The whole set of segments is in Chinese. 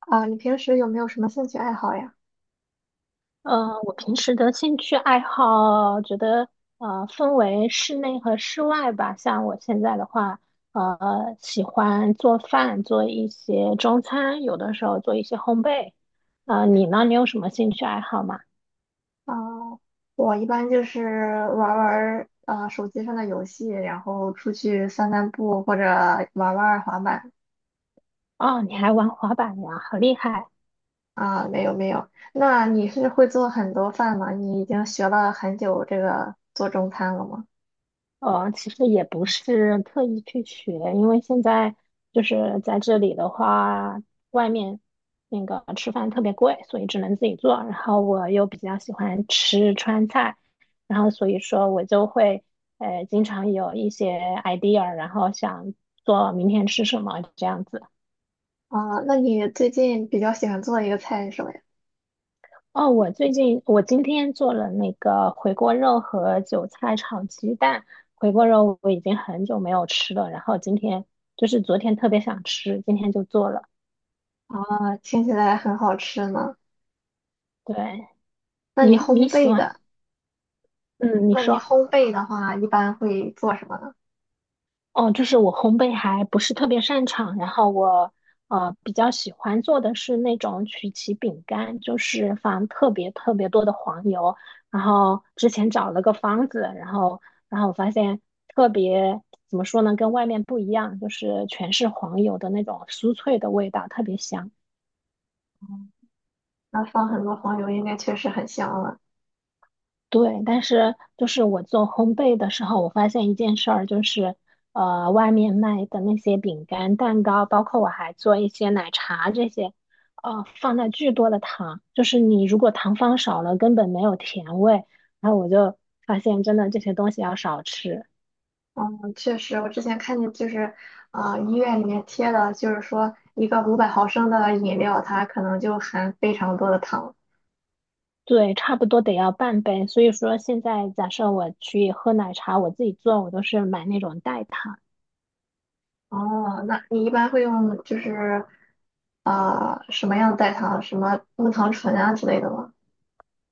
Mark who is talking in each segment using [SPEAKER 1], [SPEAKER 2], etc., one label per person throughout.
[SPEAKER 1] 啊，你平时有没有什么兴趣爱好呀？
[SPEAKER 2] 我平时的兴趣爱好，觉得分为室内和室外吧。像我现在的话，喜欢做饭，做一些中餐，有的时候做一些烘焙。你呢？你有什么兴趣爱好吗？
[SPEAKER 1] 啊，我一般就是玩儿玩儿手机上的游戏，然后出去散散步或者玩儿玩儿滑板。
[SPEAKER 2] 哦，你还玩滑板呀，好厉害！
[SPEAKER 1] 啊，没有没有。那你是会做很多饭吗？你已经学了很久这个做中餐了吗？
[SPEAKER 2] 其实也不是特意去学，因为现在就是在这里的话，外面那个吃饭特别贵，所以只能自己做。然后我又比较喜欢吃川菜，然后所以说我就会经常有一些 idea，然后想做明天吃什么这样子。
[SPEAKER 1] 啊，那你最近比较喜欢做的一个菜是什么呀？
[SPEAKER 2] 哦，我最近我今天做了那个回锅肉和韭菜炒鸡蛋。回锅肉我已经很久没有吃了，然后今天就是昨天特别想吃，今天就做了。
[SPEAKER 1] 啊，听起来很好吃呢。
[SPEAKER 2] 对，
[SPEAKER 1] 那你
[SPEAKER 2] 你
[SPEAKER 1] 烘
[SPEAKER 2] 喜
[SPEAKER 1] 焙
[SPEAKER 2] 欢？
[SPEAKER 1] 的，
[SPEAKER 2] 嗯，你
[SPEAKER 1] 那你
[SPEAKER 2] 说。
[SPEAKER 1] 烘焙的话，一般会做什么呢？
[SPEAKER 2] 哦，就是我烘焙还不是特别擅长，然后我比较喜欢做的是那种曲奇饼干，就是放特别特别多的黄油，然后之前找了个方子，然后我发现特别怎么说呢，跟外面不一样，就是全是黄油的那种酥脆的味道，特别香。
[SPEAKER 1] 那放很多黄油，应该确实很香了。
[SPEAKER 2] 对，但是就是我做烘焙的时候，我发现一件事儿，就是外面卖的那些饼干、蛋糕，包括我还做一些奶茶这些，放了巨多的糖，就是你如果糖放少了，根本没有甜味。然后我就发现，真的这些东西要少吃，
[SPEAKER 1] 嗯，确实，我之前看见医院里面贴的，就是说一个500毫升的饮料，它可能就含非常多的糖。
[SPEAKER 2] 对，差不多得要半杯。所以说，现在假设我去喝奶茶，我自己做，我都是买那种代糖。
[SPEAKER 1] 哦，那你一般会用什么样的代糖，什么木糖醇啊之类的吗？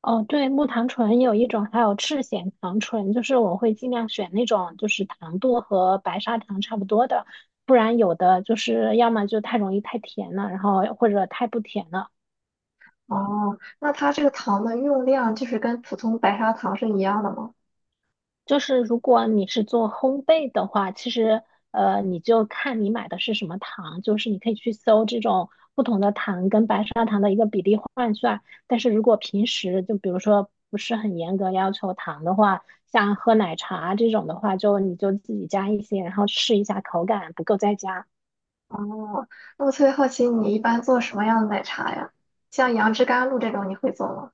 [SPEAKER 2] 哦，对，木糖醇有一种，还有赤藓糖醇，就是我会尽量选那种就是糖度和白砂糖差不多的，不然有的就是要么就太容易太甜了，然后或者太不甜了。
[SPEAKER 1] 哦，那它这个糖的用量就是跟普通白砂糖是一样的吗？
[SPEAKER 2] 就是如果你是做烘焙的话，其实你就看你买的是什么糖，就是你可以去搜这种不同的糖跟白砂糖的一个比例换算。但是如果平时就比如说不是很严格要求糖的话，像喝奶茶这种的话，就你就自己加一些，然后试一下口感，不够再加。
[SPEAKER 1] 哦，那我特别好奇，你一般做什么样的奶茶呀？像杨枝甘露这种，你会做吗？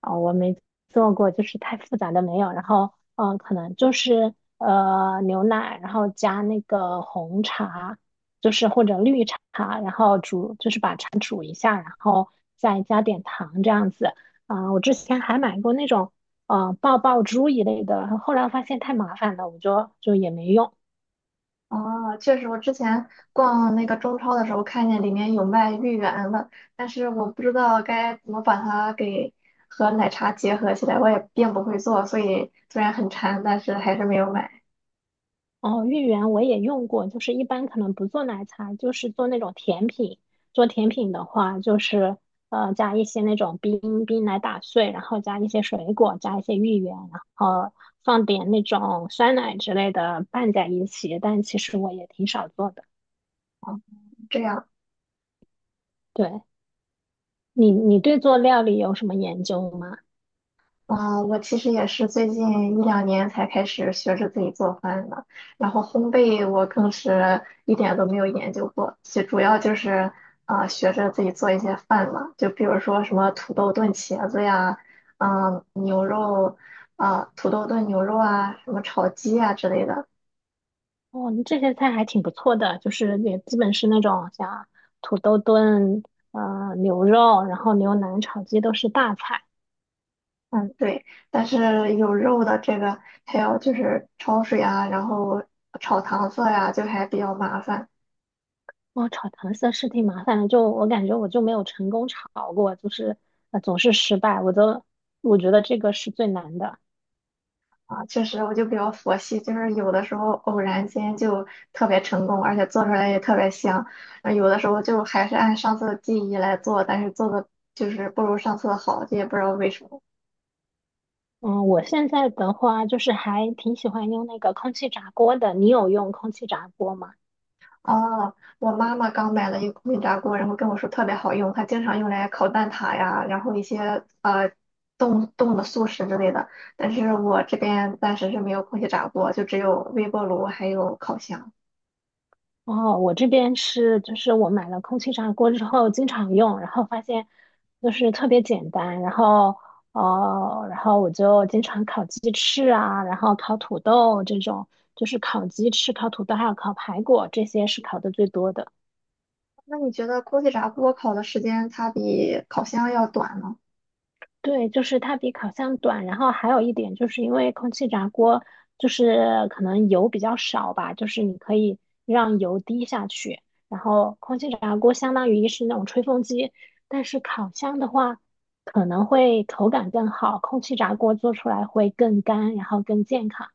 [SPEAKER 2] 啊、我没做过，就是太复杂的没有。然后，嗯、可能就是牛奶，然后加那个红茶，就是或者绿茶，然后煮，就是把茶煮一下，然后再加点糖这样子。啊、我之前还买过那种爆爆珠一类的，后来发现太麻烦了，我就也没用。
[SPEAKER 1] 哦，确实，我之前逛那个中超的时候看见里面有卖芋圆的，但是我不知道该怎么把它给和奶茶结合起来，我也并不会做，所以虽然很馋，但是还是没有买。
[SPEAKER 2] 哦，芋圆我也用过，就是一般可能不做奶茶，就是做那种甜品。做甜品的话，就是加一些那种冰冰奶打碎，然后加一些水果，加一些芋圆，然后放点那种酸奶之类的拌在一起。但其实我也挺少做的。
[SPEAKER 1] 这样。
[SPEAKER 2] 对，你对做料理有什么研究吗？
[SPEAKER 1] 啊，我其实也是最近一两年才开始学着自己做饭的，然后烘焙我更是一点都没有研究过，就主要就是学着自己做一些饭嘛，就比如说什么土豆炖茄子呀，嗯、牛肉啊、土豆炖牛肉啊，什么炒鸡啊之类的。
[SPEAKER 2] 哦，你这些菜还挺不错的，就是也基本是那种像土豆炖牛肉，然后牛腩炒鸡都是大菜。
[SPEAKER 1] 嗯，对，但是有肉的这个还有就是焯水啊，然后炒糖色呀，就还比较麻烦。
[SPEAKER 2] 哇，炒糖色是挺麻烦的，就我感觉我就没有成功炒过，就是总是失败，我觉得这个是最难的。
[SPEAKER 1] 啊，确实，我就比较佛系，就是有的时候偶然间就特别成功，而且做出来也特别香。啊，有的时候就还是按上次的记忆来做，但是做的不如上次的好，这也不知道为什么。
[SPEAKER 2] 嗯，我现在的话就是还挺喜欢用那个空气炸锅的，你有用空气炸锅吗？
[SPEAKER 1] 哦，我妈妈刚买了一个空气炸锅，然后跟我说特别好用，她经常用来烤蛋挞呀，然后一些呃冻冻的速食之类的。但是我这边暂时是没有空气炸锅，就只有微波炉还有烤箱。
[SPEAKER 2] 哦，我这边是就是我买了空气炸锅之后经常用，然后发现就是特别简单，然后然后我就经常烤鸡翅啊，然后烤土豆这种，就是烤鸡翅、烤土豆还有烤排骨，这些是烤的最多的。
[SPEAKER 1] 那你觉得空气炸锅烤的时间它比烤箱要短吗？
[SPEAKER 2] 对，就是它比烤箱短，然后还有一点就是因为空气炸锅就是可能油比较少吧，就是你可以让油滴下去，然后空气炸锅相当于是那种吹风机，但是烤箱的话可能会口感更好，空气炸锅做出来会更干，然后更健康。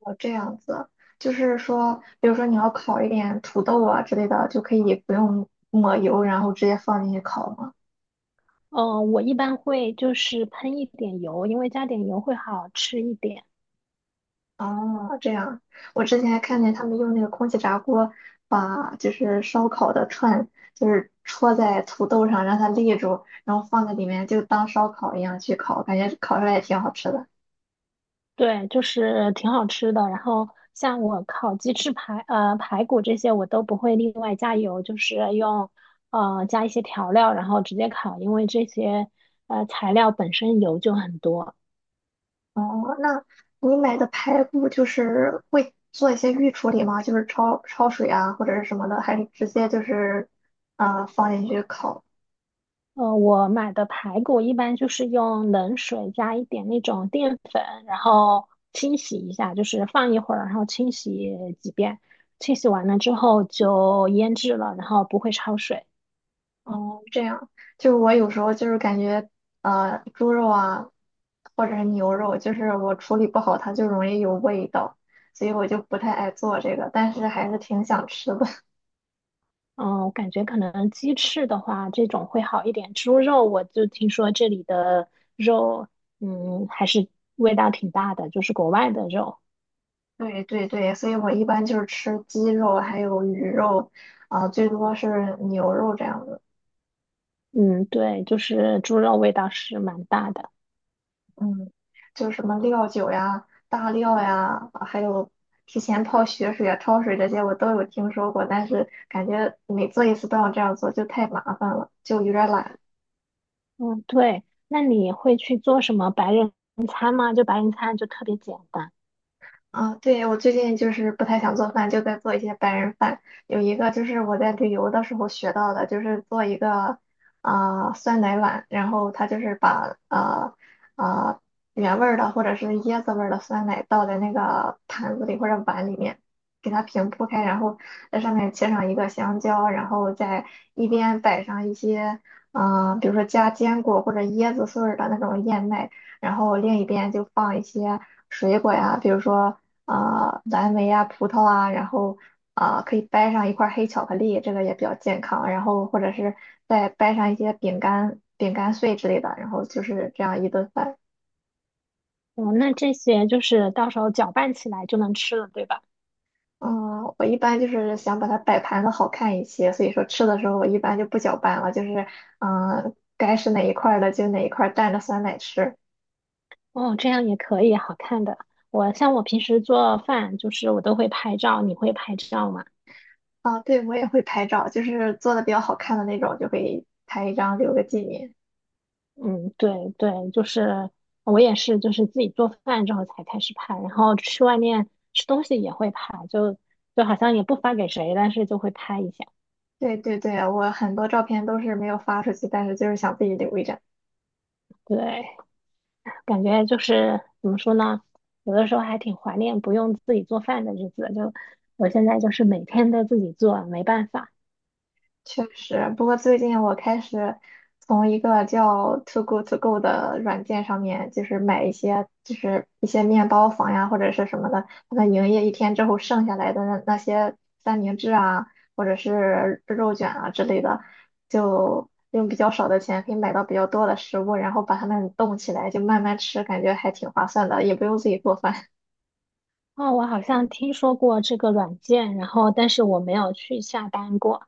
[SPEAKER 1] 哦，这样子，就是说，比如说你要烤一点土豆啊之类的，就可以不用抹油，然后直接放进去烤吗？
[SPEAKER 2] 嗯、我一般会就是喷一点油，因为加点油会好吃一点。
[SPEAKER 1] 哦，这样，我之前还看见他们用那个空气炸锅把烧烤的串，就是戳在土豆上让它立住，然后放在里面就当烧烤一样去烤，感觉烤出来也挺好吃的。
[SPEAKER 2] 对，就是挺好吃的。然后像我烤鸡翅排、排骨这些，我都不会另外加油，就是用加一些调料，然后直接烤，因为这些材料本身油就很多。
[SPEAKER 1] 哦，那你买的排骨就是会做一些预处理吗？就是焯水啊，或者是什么的，还是直接放进去烤？
[SPEAKER 2] 我买的排骨一般就是用冷水加一点那种淀粉，然后清洗一下，就是放一会儿，然后清洗几遍。清洗完了之后就腌制了，然后不会焯水。
[SPEAKER 1] 哦，这样，就是我有时候就是感觉猪肉啊，或者是牛肉，就是我处理不好，它就容易有味道，所以我就不太爱做这个，但是还是挺想吃的。
[SPEAKER 2] 嗯，我感觉可能鸡翅的话，这种会好一点。猪肉我就听说这里的肉，嗯，还是味道挺大的，就是国外的肉。
[SPEAKER 1] 对对对，所以我一般就是吃鸡肉，还有鱼肉，最多是牛肉这样的。
[SPEAKER 2] 嗯，对，就是猪肉味道是蛮大的。
[SPEAKER 1] 嗯，就是什么料酒呀、大料呀，啊还有提前泡血水啊、焯水这些，我都有听说过，但是感觉每做一次都要这样做，就太麻烦了，就有点懒。
[SPEAKER 2] 嗯，对。那你会去做什么白人餐吗？就白人餐就特别简单。
[SPEAKER 1] 啊，对，我最近就是不太想做饭，就在做一些白人饭。有一个就是我在旅游的时候学到的，就是做一个酸奶碗，然后它就是把呃原味儿的或者是椰子味儿的酸奶倒在那个盘子里或者碗里面，给它平铺开，然后在上面切上一个香蕉，然后再一边摆上一些比如说加坚果或者椰子碎儿的那种燕麦。然后另一边就放一些水果呀，比如说蓝莓啊、葡萄啊，然后可以掰上一块儿黑巧克力，这个也比较健康。然后或者是再掰上一些饼干、饼干碎之类的，然后就是这样一顿饭。
[SPEAKER 2] 哦，那这些就是到时候搅拌起来就能吃了，对吧？
[SPEAKER 1] 嗯，我一般就是想把它摆盘的好看一些，所以说吃的时候我一般就不搅拌了，就是该是哪一块儿的就哪一块儿蘸着酸奶吃。
[SPEAKER 2] 哦，这样也可以，好看的。我像我平时做饭，就是我都会拍照，你会拍照吗？
[SPEAKER 1] 啊，对，我也会拍照，就是做的比较好看的那种，就会拍一张留个纪念。
[SPEAKER 2] 嗯，对对，就是我也是，就是自己做饭之后才开始拍，然后去外面吃东西也会拍，就好像也不发给谁，但是就会拍一下。
[SPEAKER 1] 对对对，我很多照片都是没有发出去，但是就是想自己留一张。
[SPEAKER 2] 对，感觉就是怎么说呢，有的时候还挺怀念不用自己做饭的日子。就我现在就是每天都自己做，没办法。
[SPEAKER 1] 确实，不过最近我开始从一个叫 ToGo To Go 的软件上面，就是买一些就是一些面包房呀或者是什么的，他们营业一天之后剩下来的那些三明治啊，或者是肉卷啊之类的，就用比较少的钱可以买到比较多的食物，然后把它们冻起来就慢慢吃，感觉还挺划算的，也不用自己做饭。
[SPEAKER 2] 哦，我好像听说过这个软件，然后但是我没有去下单过。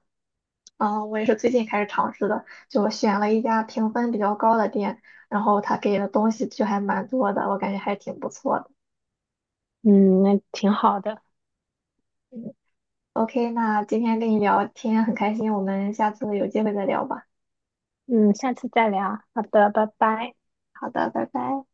[SPEAKER 1] 啊，我也是最近开始尝试的，就选了一家评分比较高的店，然后他给的东西就还蛮多的，我感觉还挺不错的。
[SPEAKER 2] 嗯，那挺好的。
[SPEAKER 1] 嗯，OK，那今天跟你聊天很开心，我们下次有机会再聊吧。
[SPEAKER 2] 嗯，下次再聊。好的，拜拜。
[SPEAKER 1] 好的，拜拜。